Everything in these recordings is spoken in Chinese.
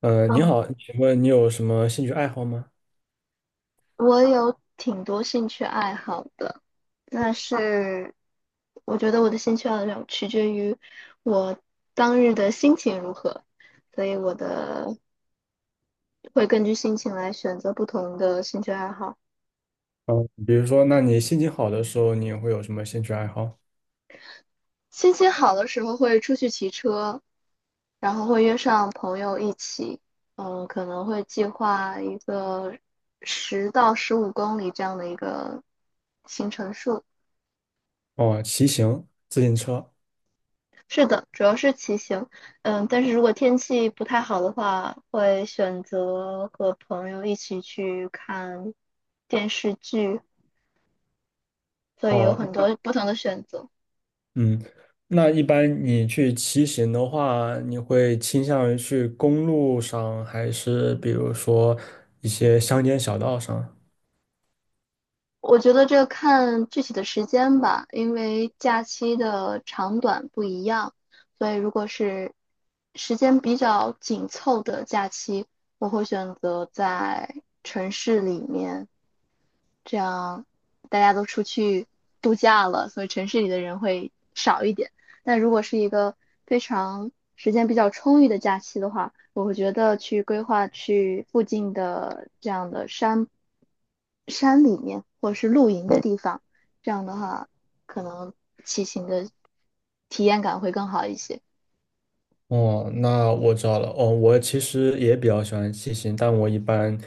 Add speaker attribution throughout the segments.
Speaker 1: 你
Speaker 2: 嗯，
Speaker 1: 好，请问你有什么兴趣爱好吗？
Speaker 2: 我有挺多兴趣爱好的，但是我觉得我的兴趣爱好取决于我当日的心情如何，所以我的会根据心情来选择不同的兴趣爱好。
Speaker 1: 嗯，比如说，那你心情好的时候，你会有什么兴趣爱好？
Speaker 2: 心情好的时候会出去骑车，然后会约上朋友一起，可能会计划一个10到15公里这样的一个行程数。
Speaker 1: 哦，骑行、自行车。
Speaker 2: 是的，主要是骑行。但是如果天气不太好的话，会选择和朋友一起去看电视剧，所以有
Speaker 1: 哦，
Speaker 2: 很
Speaker 1: 那
Speaker 2: 多不同的选择。
Speaker 1: 嗯，一般你去骑行的话，你会倾向于去公路上，还是比如说一些乡间小道上？
Speaker 2: 我觉得这看具体的时间吧，因为假期的长短不一样，所以如果是时间比较紧凑的假期，我会选择在城市里面这样大家都出去度假了，所以城市里的人会少一点。但如果是一个非常时间比较充裕的假期的话，我会觉得去规划去附近的这样的山里面，或者是露营的地方，这样的话，可能骑行的体验感会更好一些。
Speaker 1: 哦，那我知道了。哦，我其实也比较喜欢骑行，但我一般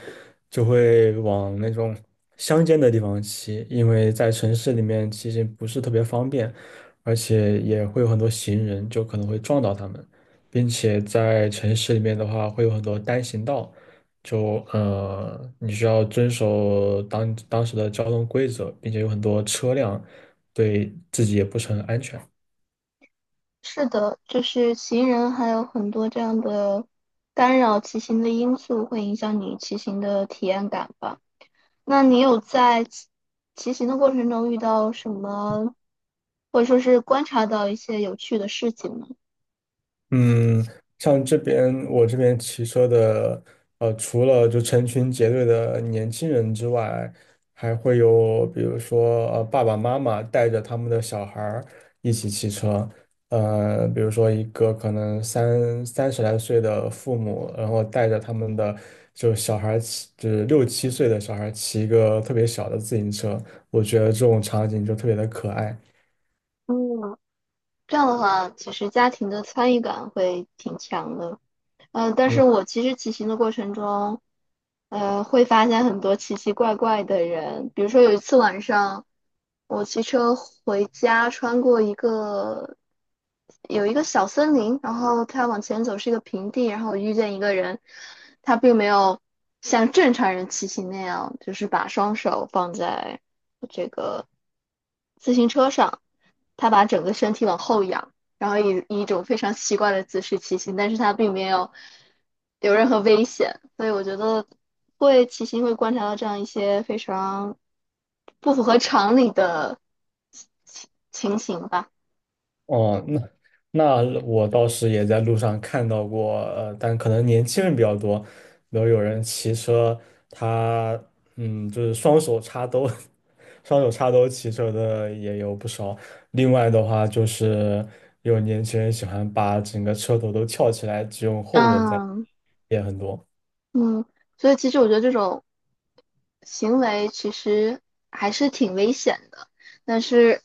Speaker 1: 就会往那种乡间的地方骑，因为在城市里面骑行不是特别方便，而且也会有很多行人，就可能会撞到他们，并且在城市里面的话，会有很多单行道，就你需要遵守当时的交通规则，并且有很多车辆，对自己也不是很安全。
Speaker 2: 是的，就是行人还有很多这样的干扰骑行的因素，会影响你骑行的体验感吧。那你有在骑行的过程中遇到什么，或者说是观察到一些有趣的事情吗？
Speaker 1: 嗯，像我这边骑车的，除了就成群结队的年轻人之外，还会有比如说爸爸妈妈带着他们的小孩儿一起骑车，比如说一个可能三十来岁的父母，然后带着他们的就小孩儿骑，就是六七岁的小孩儿骑一个特别小的自行车，我觉得这种场景就特别的可爱。
Speaker 2: 嗯，这样的话，其实家庭的参与感会挺强的。但是
Speaker 1: 嗯。
Speaker 2: 我其实骑行的过程中，会发现很多奇奇怪怪的人。比如说有一次晚上，我骑车回家，穿过一个有一个小森林，然后它往前走是一个平地，然后我遇见一个人，他并没有像正常人骑行那样，就是把双手放在自行车上，他把整个身体往后仰，然后以一种非常奇怪的姿势骑行，但是他并没有任何危险，所以我觉得会骑行会观察到这样一些非常不符合常理的情情情形吧。
Speaker 1: 哦，那我倒是也在路上看到过，但可能年轻人比较多，比如有人骑车，他就是双手插兜，双手插兜骑车的也有不少。另外的话，就是有年轻人喜欢把整个车头都翘起来，只用后轮在，
Speaker 2: 嗯
Speaker 1: 也很多。
Speaker 2: 嗯，所以其实我觉得这种行为其实还是挺危险的，但是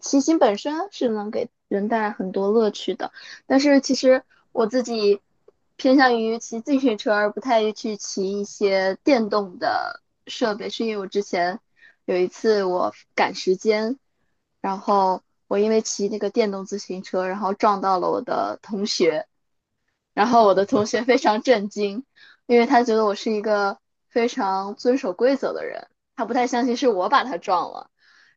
Speaker 2: 骑行本身是能给人带来很多乐趣的。但是其实我自己偏向于骑自行车，而不太去骑一些电动的设备，是因为我之前有一次我赶时间，然后我因为骑那个电动自行车，然后撞到了我的同学，然后我的同学非常震惊，因为他觉得我是一个非常遵守规则的人，他不太相信是我把他撞了。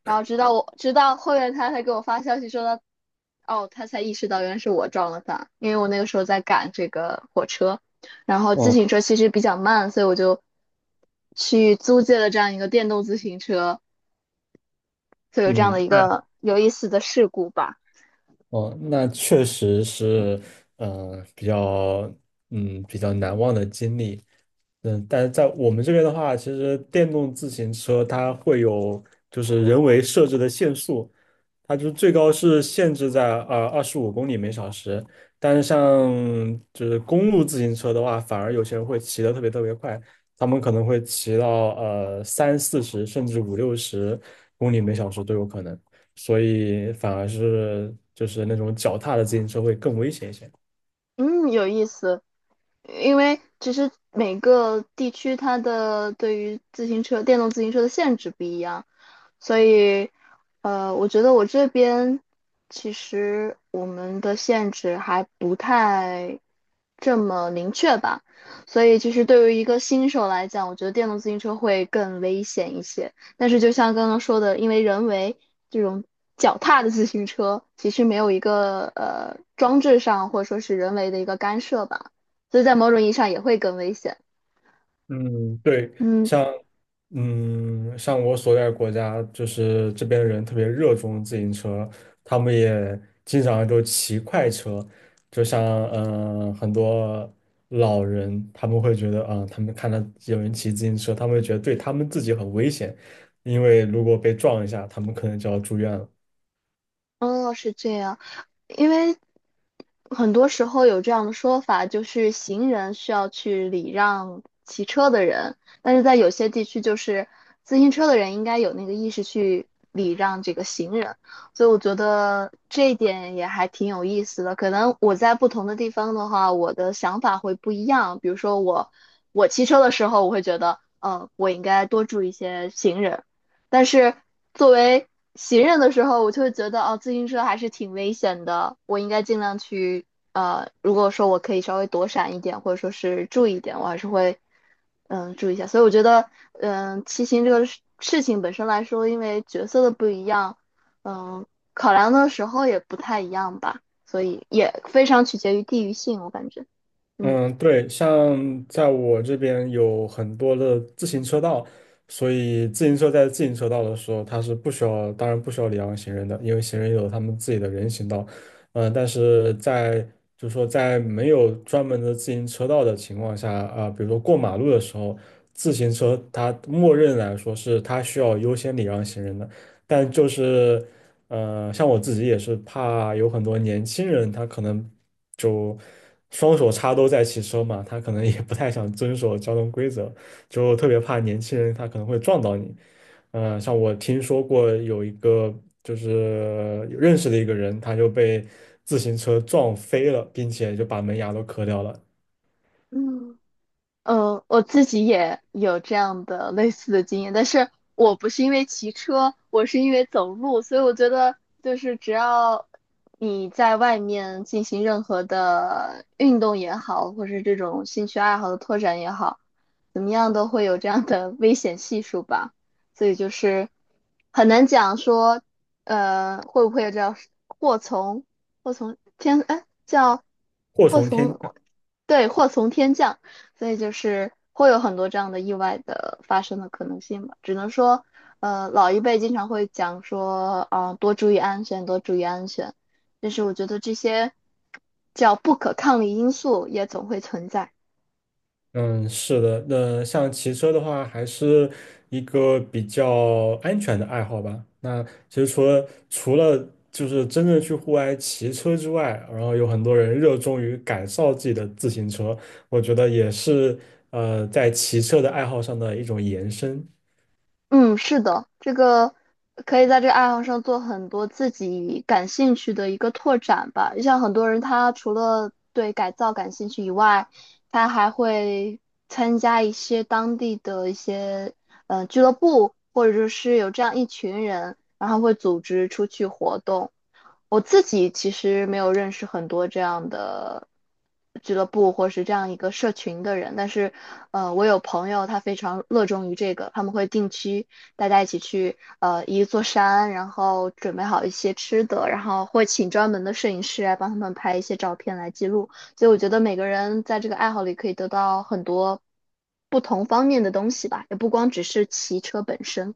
Speaker 2: 然后直到后面他才给我发消息说他，哦，他才意识到原来是我撞了他，因为我那个时候在赶这个火车，然后自
Speaker 1: 哦，
Speaker 2: 行车其实比较慢，所以我就去租借了这样一个电动自行车，所以有这样的
Speaker 1: 嗯，
Speaker 2: 一个有意思的事故吧。
Speaker 1: 哦，那确实是，比较，嗯，比较难忘的经历。嗯，但是在我们这边的话，其实电动自行车它会有就是人为设置的限速，它就是最高是限制在25公里每小时。但是像就是公路自行车的话，反而有些人会骑得特别特别快，他们可能会骑到三四十甚至五六十公里每小时都有可能。所以反而是就是那种脚踏的自行车会更危险一些。
Speaker 2: 嗯，有意思。因为其实每个地区它的对于自行车、电动自行车的限制不一样，所以，我觉得我这边其实我们的限制还不太这么明确吧，所以其实对于一个新手来讲，我觉得电动自行车会更危险一些。但是就像刚刚说的，因为人为这种脚踏的自行车其实没有一个装置上或者说是人为的一个干涉吧，所以在某种意义上也会更危险。
Speaker 1: 嗯，对，
Speaker 2: 嗯，
Speaker 1: 像像我所在的国家，就是这边的人特别热衷自行车，他们也经常就骑快车，就像很多老人，他们会觉得啊、他们看到有人骑自行车，他们会觉得对他们自己很危险，因为如果被撞一下，他们可能就要住院了。
Speaker 2: 哦，是这样。因为很多时候有这样的说法，就是行人需要去礼让骑车的人，但是在有些地区，就是自行车的人应该有那个意识去礼让这个行人，所以我觉得这一点也还挺有意思的。可能我在不同的地方的话，我的想法会不一样。比如说我骑车的时候，我会觉得，我应该多注意一些行人，但是作为行人的时候，我就会觉得哦，自行车还是挺危险的，我应该尽量去如果说我可以稍微躲闪一点，或者说是注意一点，我还是会注意一下。所以我觉得骑行这个事情本身来说，因为角色的不一样，嗯，考量的时候也不太一样吧，所以也非常取决于地域性，我感觉，嗯。
Speaker 1: 嗯，对，像在我这边有很多的自行车道，所以自行车在自行车道的时候，它是不需要，当然不需要礼让行人的，因为行人有他们自己的人行道。嗯、但是在就是说在没有专门的自行车道的情况下，啊、比如说过马路的时候，自行车它默认来说是它需要优先礼让行人的，但就是像我自己也是怕有很多年轻人他可能就。双手插兜在骑车嘛，他可能也不太想遵守交通规则，就特别怕年轻人他可能会撞到你。嗯、像我听说过有一个就是有认识的一个人，他就被自行车撞飞了，并且就把门牙都磕掉了，
Speaker 2: 嗯。我自己也有这样的类似的经验，但是我不是因为骑车，我是因为走路，所以我觉得就是只要你在外面进行任何的运动也好，或是这种兴趣爱好的拓展也好，怎么样都会有这样的危险系数吧，所以就是很难讲说，会不会叫祸从祸从天，哎，叫
Speaker 1: 祸
Speaker 2: 祸
Speaker 1: 从天。
Speaker 2: 从，对，祸从天降。所以就是会有很多这样的意外的发生的可能性吧。只能说，老一辈经常会讲说，啊、多注意安全，多注意安全。但是我觉得这些叫不可抗力因素也总会存在。
Speaker 1: 嗯，是的，那像骑车的话，还是一个比较安全的爱好吧。那其实除了就是真正去户外骑车之外，然后有很多人热衷于改造自己的自行车，我觉得也是在骑车的爱好上的一种延伸。
Speaker 2: 嗯，是的，这个可以在这个爱好上做很多自己感兴趣的一个拓展吧。就像很多人，他除了对改造感兴趣以外，他还会参加一些当地的一些俱乐部，或者是有这样一群人，然后会组织出去活动。我自己其实没有认识很多这样的俱乐部或是这样一个社群的人，但是，我有朋友他非常热衷于这个，他们会定期大家一起去，一座山，然后准备好一些吃的，然后会请专门的摄影师来帮他们拍一些照片来记录。所以我觉得每个人在这个爱好里可以得到很多不同方面的东西吧，也不光只是骑车本身。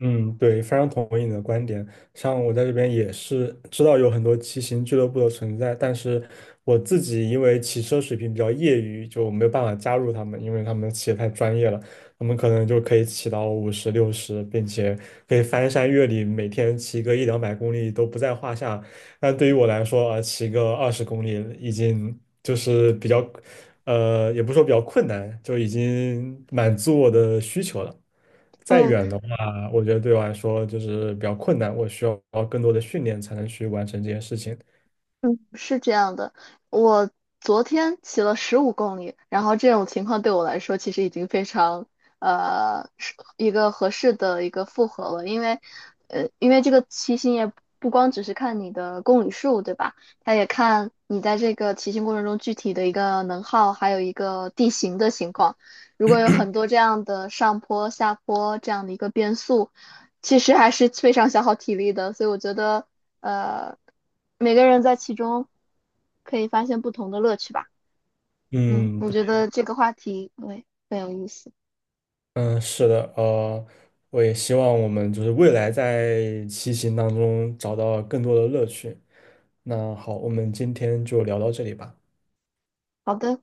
Speaker 1: 嗯，对，非常同意你的观点。像我在这边也是知道有很多骑行俱乐部的存在，但是我自己因为骑车水平比较业余，就没有办法加入他们，因为他们骑得太专业了，他们可能就可以骑到50、60，并且可以翻山越岭，每天骑个一两百公里都不在话下。但对于我来说，啊，骑个20公里已经就是比较，也不是说比较困难，就已经满足我的需求了。再
Speaker 2: 嗯。
Speaker 1: 远的。啊，我觉得对我来说就是比较困难，我需要更多的训练才能去完成这件事情。
Speaker 2: 嗯，是这样的，我昨天骑了十五公里，然后这种情况对我来说其实已经非常是一个合适的一个负荷了，因为因为这个骑行也不光只是看你的公里数，对吧？它也看你在这个骑行过程中具体的一个能耗，还有一个地形的情况。如果有很多这样的上坡、下坡这样的一个变速。其实还是非常消耗体力的，所以我觉得，呃，每个人在其中可以发现不同的乐趣吧。嗯，
Speaker 1: 嗯，
Speaker 2: 我觉
Speaker 1: 对，
Speaker 2: 得这个话题，对，很有意思。
Speaker 1: 嗯，是的，我也希望我们就是未来在骑行当中找到更多的乐趣。那好，我们今天就聊到这里吧。
Speaker 2: 好的。